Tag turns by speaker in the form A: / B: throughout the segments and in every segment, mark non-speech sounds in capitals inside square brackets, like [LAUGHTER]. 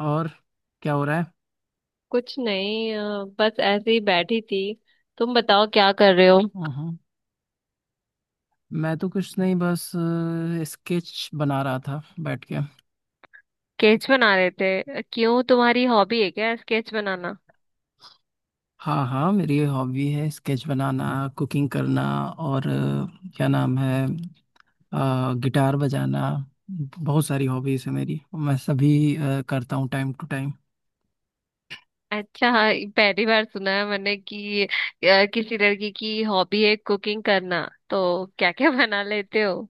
A: और क्या हो रहा है?
B: कुछ नहीं, बस ऐसे ही बैठी थी। तुम बताओ क्या कर रहे हो?
A: हाँ। मैं तो कुछ नहीं, बस स्केच बना रहा था बैठ के।
B: स्केच बना रहे थे? क्यों, तुम्हारी हॉबी है क्या स्केच बनाना?
A: हाँ, हाँ, मेरी हॉबी है स्केच बनाना, कुकिंग करना, और क्या नाम है, गिटार बजाना। बहुत सारी हॉबीज है मेरी। मैं सभी करता हूँ टाइम टू टाइम।
B: अच्छा, हाँ। पहली बार सुना है मैंने कि किसी लड़की की हॉबी है कुकिंग करना। तो क्या क्या [LAUGHS] बना लेते हो?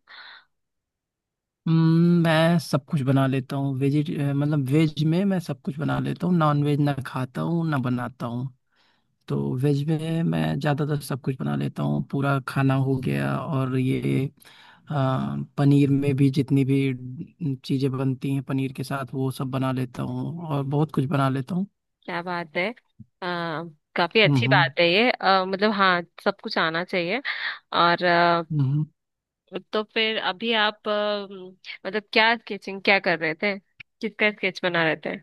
A: मैं सब कुछ बना लेता हूँ वेज, मतलब वेज में मैं सब कुछ बना लेता हूँ। नॉन वेज ना खाता हूँ ना बनाता हूँ। तो वेज में मैं ज़्यादातर सब कुछ बना लेता हूँ, पूरा खाना हो गया। और ये पनीर में भी जितनी भी चीज़ें बनती हैं पनीर के साथ, वो सब बना लेता हूँ और बहुत कुछ बना लेता हूँ।
B: क्या बात है। आ, काफी अच्छी
A: हम्म।
B: बात है ये, मतलब हाँ, सब कुछ आना चाहिए। और
A: हम्म।
B: तो फिर अभी आप, मतलब क्या स्केचिंग क्या कर रहे थे? किसका स्केच बना रहे थे?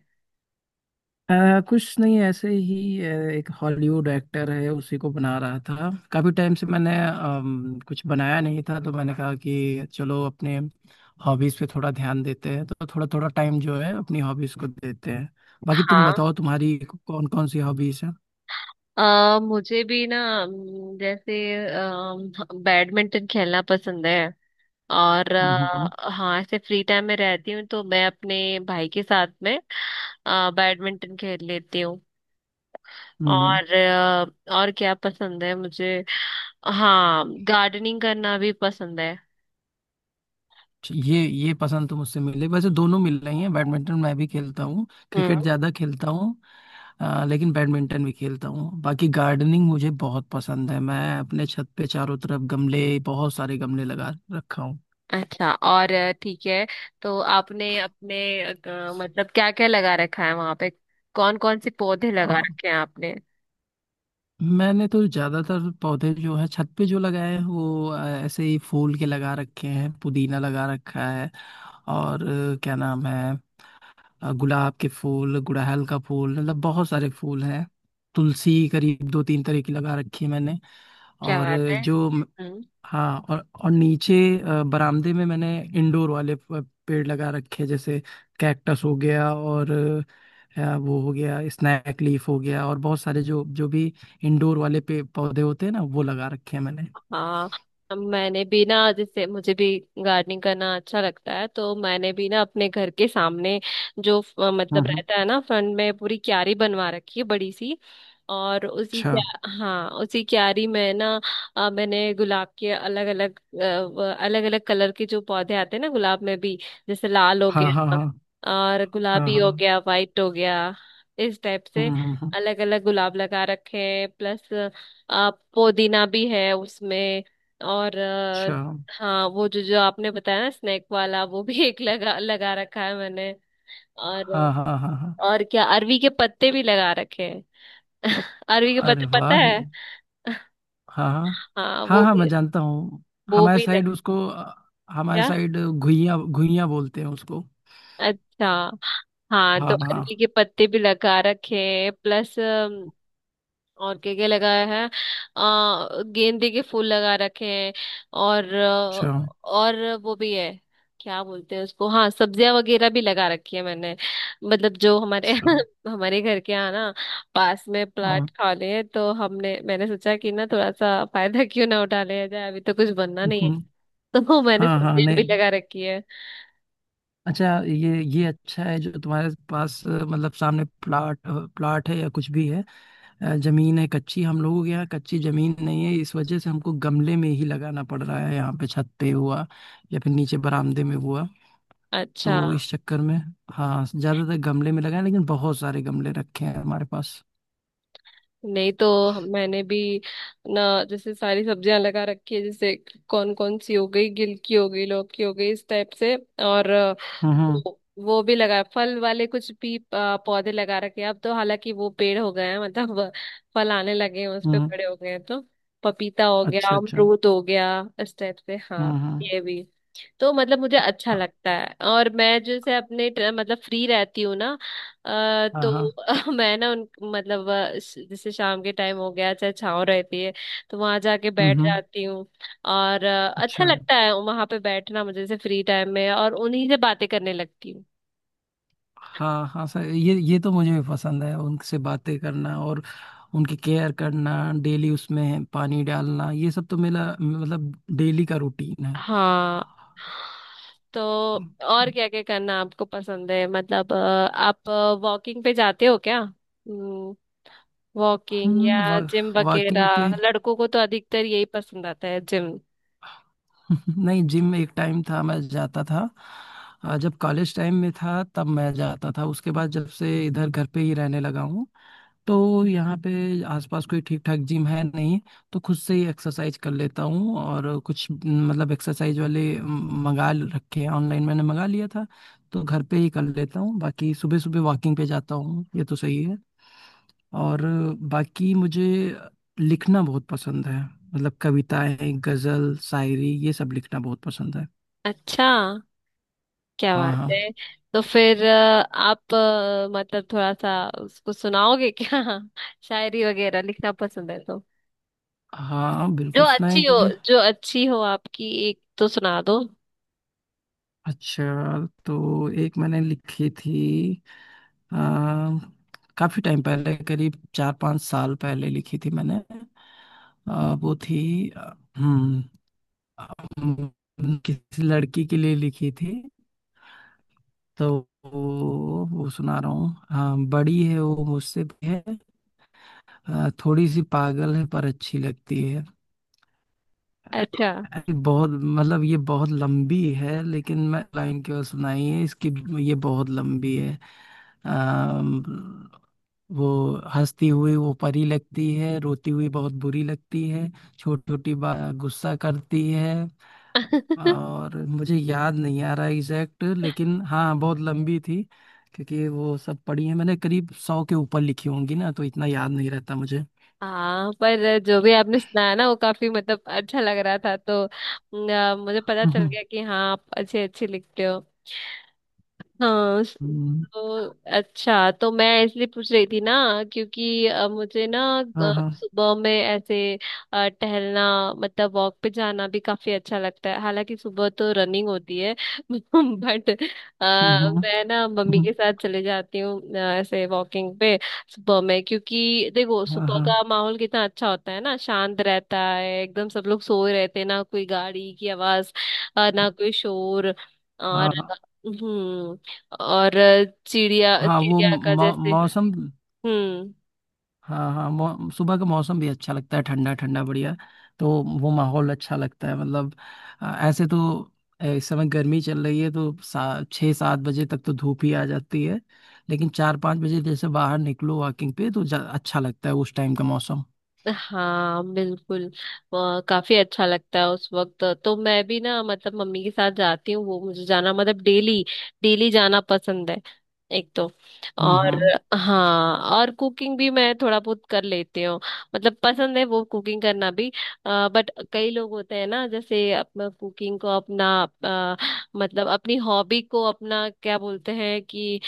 A: कुछ नहीं, ऐसे ही एक हॉलीवुड एक्टर है, उसी को बना रहा था। काफी टाइम से मैंने कुछ बनाया नहीं था, तो मैंने कहा कि चलो अपने हॉबीज पे थोड़ा ध्यान देते हैं। तो थोड़ा थोड़ा टाइम जो है अपनी हॉबीज को देते हैं। बाकी तुम
B: हाँ।
A: बताओ, तुम्हारी कौन कौन सी हॉबीज है?
B: मुझे भी ना, जैसे बैडमिंटन खेलना पसंद है। और
A: हम्म।
B: हाँ, ऐसे फ्री टाइम में रहती हूँ तो मैं अपने भाई के साथ में बैडमिंटन खेल लेती हूँ।
A: हम्म।
B: और और क्या पसंद है मुझे? हाँ, गार्डनिंग करना भी पसंद है।
A: ये पसंद तो मुझसे मिले, वैसे दोनों मिल रही है। बैडमिंटन मैं भी खेलता हूँ,
B: हम्म।
A: क्रिकेट ज्यादा खेलता हूँ। लेकिन बैडमिंटन भी खेलता हूँ। बाकी गार्डनिंग मुझे बहुत पसंद है। मैं अपने छत पे चारों तरफ गमले, बहुत सारे गमले लगा रखा हूँ।
B: अच्छा, और ठीक है। तो आपने अपने, मतलब क्या क्या लगा रखा है वहां पे? कौन कौन से पौधे लगा
A: अ,
B: रखे हैं आपने?
A: मैंने तो ज्यादातर पौधे जो है छत पे जो लगाए हैं, वो ऐसे ही फूल के लगा रखे हैं। पुदीना लगा रखा है, और क्या नाम है, गुलाब के फूल, गुड़हल का फूल, मतलब बहुत सारे फूल हैं। तुलसी करीब 2-3 तरह की लगा रखी है मैंने।
B: क्या
A: और
B: बात
A: अ,
B: है।
A: जो हाँ और नीचे बरामदे में मैंने इंडोर वाले पेड़ लगा रखे हैं, जैसे कैक्टस हो गया, और वो हो गया स्नैक लीफ हो गया, और बहुत सारे जो जो भी इंडोर वाले पे पौधे होते हैं ना, वो लगा रखे हैं मैंने।
B: हाँ, मैंने भी ना, जैसे मुझे भी गार्डनिंग करना अच्छा लगता है तो मैंने भी ना अपने घर के सामने जो
A: हम्म।
B: मतलब
A: हम्म।
B: रहता है ना फ्रंट में, पूरी क्यारी बनवा रखी है बड़ी सी। और उसी,
A: अच्छा।
B: क्या, हाँ, उसी क्यारी में ना मैंने गुलाब के अलग अलग, अलग अलग कलर के जो पौधे आते हैं ना गुलाब में भी, जैसे लाल हो
A: हाँ, हाँ,
B: गया
A: हाँ,
B: और
A: हाँ,
B: गुलाबी हो
A: हाँ।
B: गया, वाइट हो गया, इस टाइप से
A: हम्म। हम्म। हम्म।
B: अलग अलग गुलाब लगा रखे हैं। प्लस पुदीना भी है उसमें। और
A: अच्छा।
B: हाँ, वो जो जो आपने बताया ना स्नैक वाला वो भी [LAUGHS] एक लगा लगा रखा है मैंने। और
A: हाँ, हाँ, हाँ, हाँ।
B: और क्या, अरवी के पत्ते भी लगा रखे हैं। [LAUGHS] अरवी के पत्ते
A: अरे
B: पता
A: वाह!
B: है?
A: हाँ, हाँ,
B: हाँ,
A: हाँ,
B: वो
A: हाँ, मैं
B: भी,
A: जानता हूँ।
B: वो
A: हमारे
B: भी लग,
A: साइड उसको हमारे
B: क्या,
A: साइड घुइयां घुइयां बोलते हैं उसको।
B: अच्छा। हाँ तो
A: हाँ, हाँ।
B: अरवी के पत्ते भी लगा रखे हैं। प्लस और क्या क्या लगाया है, गेंदे के फूल लगा रखे हैं। और
A: अच्छा,
B: और वो भी है, क्या बोलते हैं उसको, हाँ, सब्जियां वगैरह भी लगा रखी है मैंने। मतलब जो हमारे
A: अच्छा।
B: [LAUGHS] हमारे घर के यहाँ ना पास में प्लाट
A: हाँ।
B: खाली है तो हमने मैंने सोचा कि ना थोड़ा सा फायदा [LAUGHS] क्यों ना उठा लिया जाए, अभी तो कुछ बनना नहीं है।
A: हम्म।
B: [LAUGHS] तो मैंने
A: हाँ, हाँ।
B: सब्जियां भी
A: नहीं।
B: लगा रखी है।
A: अच्छा, ये अच्छा है जो तुम्हारे पास मतलब सामने प्लाट है, या कुछ भी है। जमीन है कच्ची। हम लोगों के यहाँ कच्ची जमीन नहीं है, इस वजह से हमको गमले में ही लगाना पड़ रहा है, यहाँ पे छत पे हुआ या फिर नीचे बरामदे में हुआ।
B: अच्छा
A: तो इस चक्कर में, हाँ, ज्यादातर गमले में लगाए, लेकिन बहुत सारे गमले रखे हैं हमारे पास।
B: नहीं तो मैंने भी ना जैसे सारी सब्जियां लगा रखी है, जैसे कौन कौन सी, हो गई गिलकी हो गई लौकी, हो गई इस टाइप से। और
A: हम्म। हम्म।
B: वो भी लगा, फल वाले कुछ भी पौधे लगा रखे हैं। अब तो हालांकि वो पेड़ हो गए हैं, मतलब फल आने लगे हैं उस पे,
A: हम्म।
B: बड़े हो गए हैं तो पपीता हो गया,
A: अच्छा, अच्छा।
B: अमरूद हो गया, इस टाइप से। हाँ,
A: हम्म। हम्म।
B: ये भी। तो मतलब मुझे अच्छा
A: अ-
B: लगता है। और मैं जैसे अपने मतलब फ्री रहती हूँ ना,
A: हाँ,
B: तो
A: हाँ।
B: [LAUGHS] मैं ना उन, मतलब जैसे शाम के टाइम हो गया, चाहे छाँव रहती है तो वहां जाके
A: हम्म।
B: बैठ
A: हम्म।
B: जाती हूँ। और अच्छा
A: अच्छा।
B: लगता है वहां पे बैठना मुझे जैसे फ्री टाइम में, और उन्हीं से बातें करने लगती हूँ।
A: हाँ, हाँ सर, ये तो मुझे भी पसंद है, उनसे बातें करना और उनकी केयर करना, डेली उसमें पानी डालना, ये सब तो मेरा मतलब डेली का रूटीन है।
B: हाँ तो और क्या क्या करना आपको पसंद है? मतलब आप वॉकिंग पे जाते हो क्या?
A: हम
B: वॉकिंग या
A: वा,
B: जिम
A: वॉकिंग पे।
B: वगैरह, लड़कों को तो अधिकतर यही पसंद आता है, जिम।
A: [LAUGHS] नहीं, जिम में एक टाइम था मैं जाता था। जब कॉलेज टाइम में था तब मैं जाता था, उसके बाद जब से इधर घर पे ही रहने लगा हूँ तो यहाँ पे आसपास कोई ठीक ठाक जिम है नहीं, तो खुद से ही एक्सरसाइज कर लेता हूँ। और कुछ न, मतलब एक्सरसाइज वाले रखे हैं, ऑनलाइन मैंने मंगा लिया था, तो घर पे ही कर लेता हूँ। बाकी सुबह सुबह वॉकिंग पे जाता हूँ, ये तो सही है। और बाकी मुझे लिखना बहुत पसंद है, मतलब कविताएं, गजल, शायरी, ये सब लिखना बहुत पसंद है।
B: अच्छा। क्या
A: हाँ,
B: बात
A: हाँ,
B: है। तो फिर आप, मतलब थोड़ा सा उसको सुनाओगे क्या? [LAUGHS] शायरी वगैरह लिखना पसंद है तो
A: हाँ,
B: जो
A: बिल्कुल
B: अच्छी हो,
A: सुनाएंगे।
B: जो अच्छी हो आपकी एक तो सुना दो।
A: अच्छा, तो एक मैंने लिखी थी आ, काफी टाइम पहले, करीब 4-5 साल पहले लिखी थी मैंने। वो थी हम्म किसी लड़की के लिए लिखी थी। तो वो सुना रहा हूँ। हाँ, बड़ी है वो, मुझसे भी है। थोड़ी सी पागल है पर अच्छी लगती है।
B: अच्छा।
A: अरे बहुत, मतलब ये बहुत लंबी है, लेकिन मैं लाइन क्यों सुनाई है इसकी, ये बहुत लंबी है। अम, वो हंसती हुई वो परी लगती है, रोती हुई बहुत बुरी लगती है, छोटी छोटी बात गुस्सा करती है।
B: [LAUGHS]
A: और मुझे याद नहीं आ रहा एग्जैक्ट, लेकिन हाँ बहुत लंबी थी, क्योंकि वो सब पढ़ी है मैंने, करीब 100 के ऊपर लिखी होंगी ना, तो इतना याद नहीं रहता मुझे।
B: हाँ, पर जो भी आपने सुनाया ना वो काफी, मतलब अच्छा लग रहा था। तो मुझे पता चल गया
A: [LAUGHS]
B: कि हाँ, आप अच्छे अच्छे लिखते हो। हाँ
A: हम्म।
B: तो अच्छा, तो मैं इसलिए पूछ रही थी ना क्योंकि मुझे ना
A: हाँ, हाँ।
B: सुबह में ऐसे टहलना, मतलब वॉक पे जाना भी काफी अच्छा लगता है, हालांकि सुबह तो रनिंग होती है [LAUGHS] बट
A: हम्म।
B: मैं ना मम्मी
A: हम्म।
B: के साथ चले जाती हूँ, ऐसे वॉकिंग पे सुबह में। क्योंकि देखो,
A: हाँ,
B: सुबह
A: हाँ,
B: का माहौल कितना अच्छा होता है ना, शांत रहता है एकदम, सब लोग सोए रहते हैं ना, कोई गाड़ी की आवाज ना कोई शोर, और
A: हाँ,
B: हम्म, और चिड़िया,
A: हाँ। वो
B: चिड़िया का जैसे।
A: मौसम,
B: हम्म।
A: हाँ, हाँ, सुबह का मौसम भी अच्छा लगता है, ठंडा ठंडा, बढ़िया। तो वो माहौल अच्छा लगता है, मतलब ऐसे तो इस समय गर्मी चल रही है तो 6-7 बजे तक तो धूप ही आ जाती है, लेकिन 4-5 बजे जैसे बाहर निकलो वॉकिंग पे तो अच्छा लगता है उस टाइम का मौसम।
B: हाँ बिल्कुल। काफी अच्छा लगता है उस वक्त तो, मैं भी ना मतलब मम्मी के साथ जाती हूँ, वो मुझे जाना मतलब डेली, डेली जाना पसंद है। एक तो।
A: हम्म।
B: और
A: हम्म।
B: हाँ, और कुकिंग भी मैं थोड़ा बहुत कर लेती हूँ, मतलब पसंद है वो, कुकिंग करना भी। बट कई लोग होते हैं ना, जैसे अपना कुकिंग को अपना अ, मतलब अपनी हॉबी को अपना, क्या बोलते हैं कि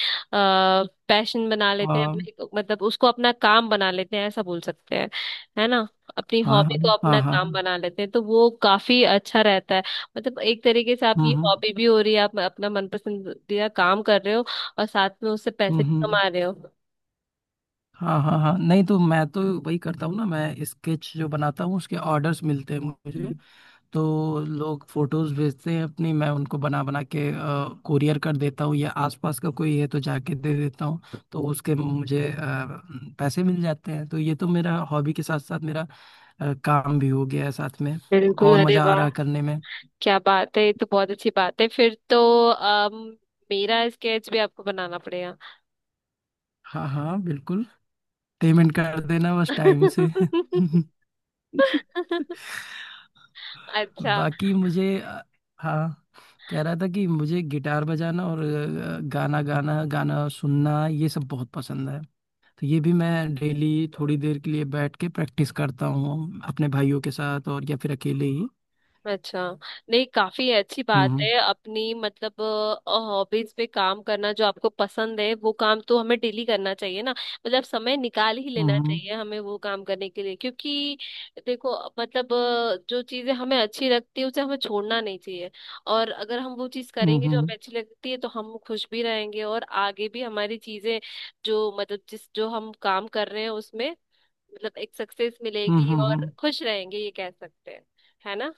B: पैशन बना लेते हैं,
A: हाँ,
B: मतलब उसको अपना काम बना लेते हैं, ऐसा बोल सकते हैं। है ना, अपनी
A: हाँ,
B: हॉबी
A: हाँ,
B: को अपना
A: हाँ, हाँ।
B: काम बना लेते हैं तो वो काफी अच्छा रहता है। मतलब एक तरीके से
A: हम्म।
B: आपकी
A: हम्म।
B: हॉबी भी हो रही है, आप अपना मनपसंदीदा काम कर रहे हो, और साथ में उससे
A: हम्म।
B: पैसे भी
A: हम्म।
B: कमा रहे हो।
A: हाँ, हाँ, हाँ, नहीं तो मैं तो वही करता हूँ ना। मैं स्केच जो बनाता हूँ उसके ऑर्डर्स मिलते हैं मुझे, तो लोग फोटोज भेजते हैं अपनी, मैं उनको बना बना के कुरियर कर देता हूँ, या आसपास का कोई है तो जाके दे देता हूँ, तो उसके मुझे पैसे मिल जाते हैं। तो ये तो मेरा हॉबी के साथ साथ मेरा काम भी हो गया है साथ में,
B: बिल्कुल,
A: और
B: अरे
A: मजा आ रहा
B: वाह,
A: है करने में।
B: क्या बात है, ये तो बहुत अच्छी बात है। फिर तो मेरा स्केच भी आपको बनाना पड़ेगा।
A: हाँ, हाँ, बिल्कुल, पेमेंट कर देना बस टाइम से।
B: [LAUGHS]
A: [LAUGHS]
B: अच्छा।
A: बाकी मुझे हाँ, कह रहा था कि मुझे गिटार बजाना और गाना गाना, गाना सुनना ये सब बहुत पसंद है। तो ये भी मैं डेली थोड़ी देर के लिए बैठ के प्रैक्टिस करता हूँ अपने भाइयों के साथ, और या फिर अकेले ही।
B: अच्छा, नहीं, काफी अच्छी बात
A: हम्म।
B: है अपनी, मतलब हॉबीज पे काम करना। जो आपको पसंद है वो काम तो हमें डेली करना चाहिए ना, मतलब समय निकाल ही लेना
A: हम्म।
B: चाहिए हमें वो काम करने के लिए। क्योंकि देखो, मतलब जो चीजें हमें अच्छी लगती है उसे हमें छोड़ना नहीं चाहिए। और अगर हम वो चीज
A: हम्म। हम्म।
B: करेंगे जो
A: हम्म।
B: हमें अच्छी लगती है तो हम खुश भी रहेंगे, और आगे भी हमारी चीजें जो, मतलब जिस जो हम काम कर रहे हैं उसमें, मतलब एक सक्सेस
A: हम्म।
B: मिलेगी
A: हम्म।
B: और
A: हम्म।
B: खुश रहेंगे, ये कह सकते हैं। है ना।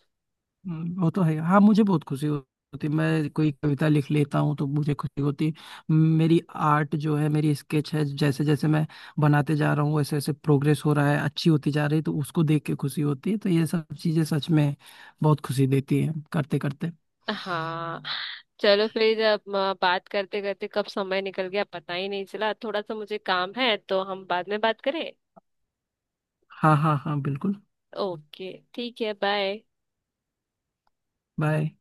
A: हम्म। वो तो है, हाँ, मुझे बहुत खुशी होती है। मैं कोई कविता लिख लेता हूँ तो मुझे खुशी होती है। मेरी आर्ट जो है, मेरी स्केच है, जैसे जैसे मैं बनाते जा रहा हूँ वैसे वैसे प्रोग्रेस हो रहा है, अच्छी होती जा रही है, तो उसको देख के खुशी होती है। तो ये सब चीज़ें सच में बहुत खुशी देती है करते करते।
B: हाँ, चलो फिर अब बात करते करते कब समय निकल गया पता ही नहीं चला। थोड़ा सा मुझे काम है तो हम बाद में बात करें?
A: हाँ, हाँ, हाँ, बिल्कुल।
B: ओके, ठीक है, बाय।
A: बाय।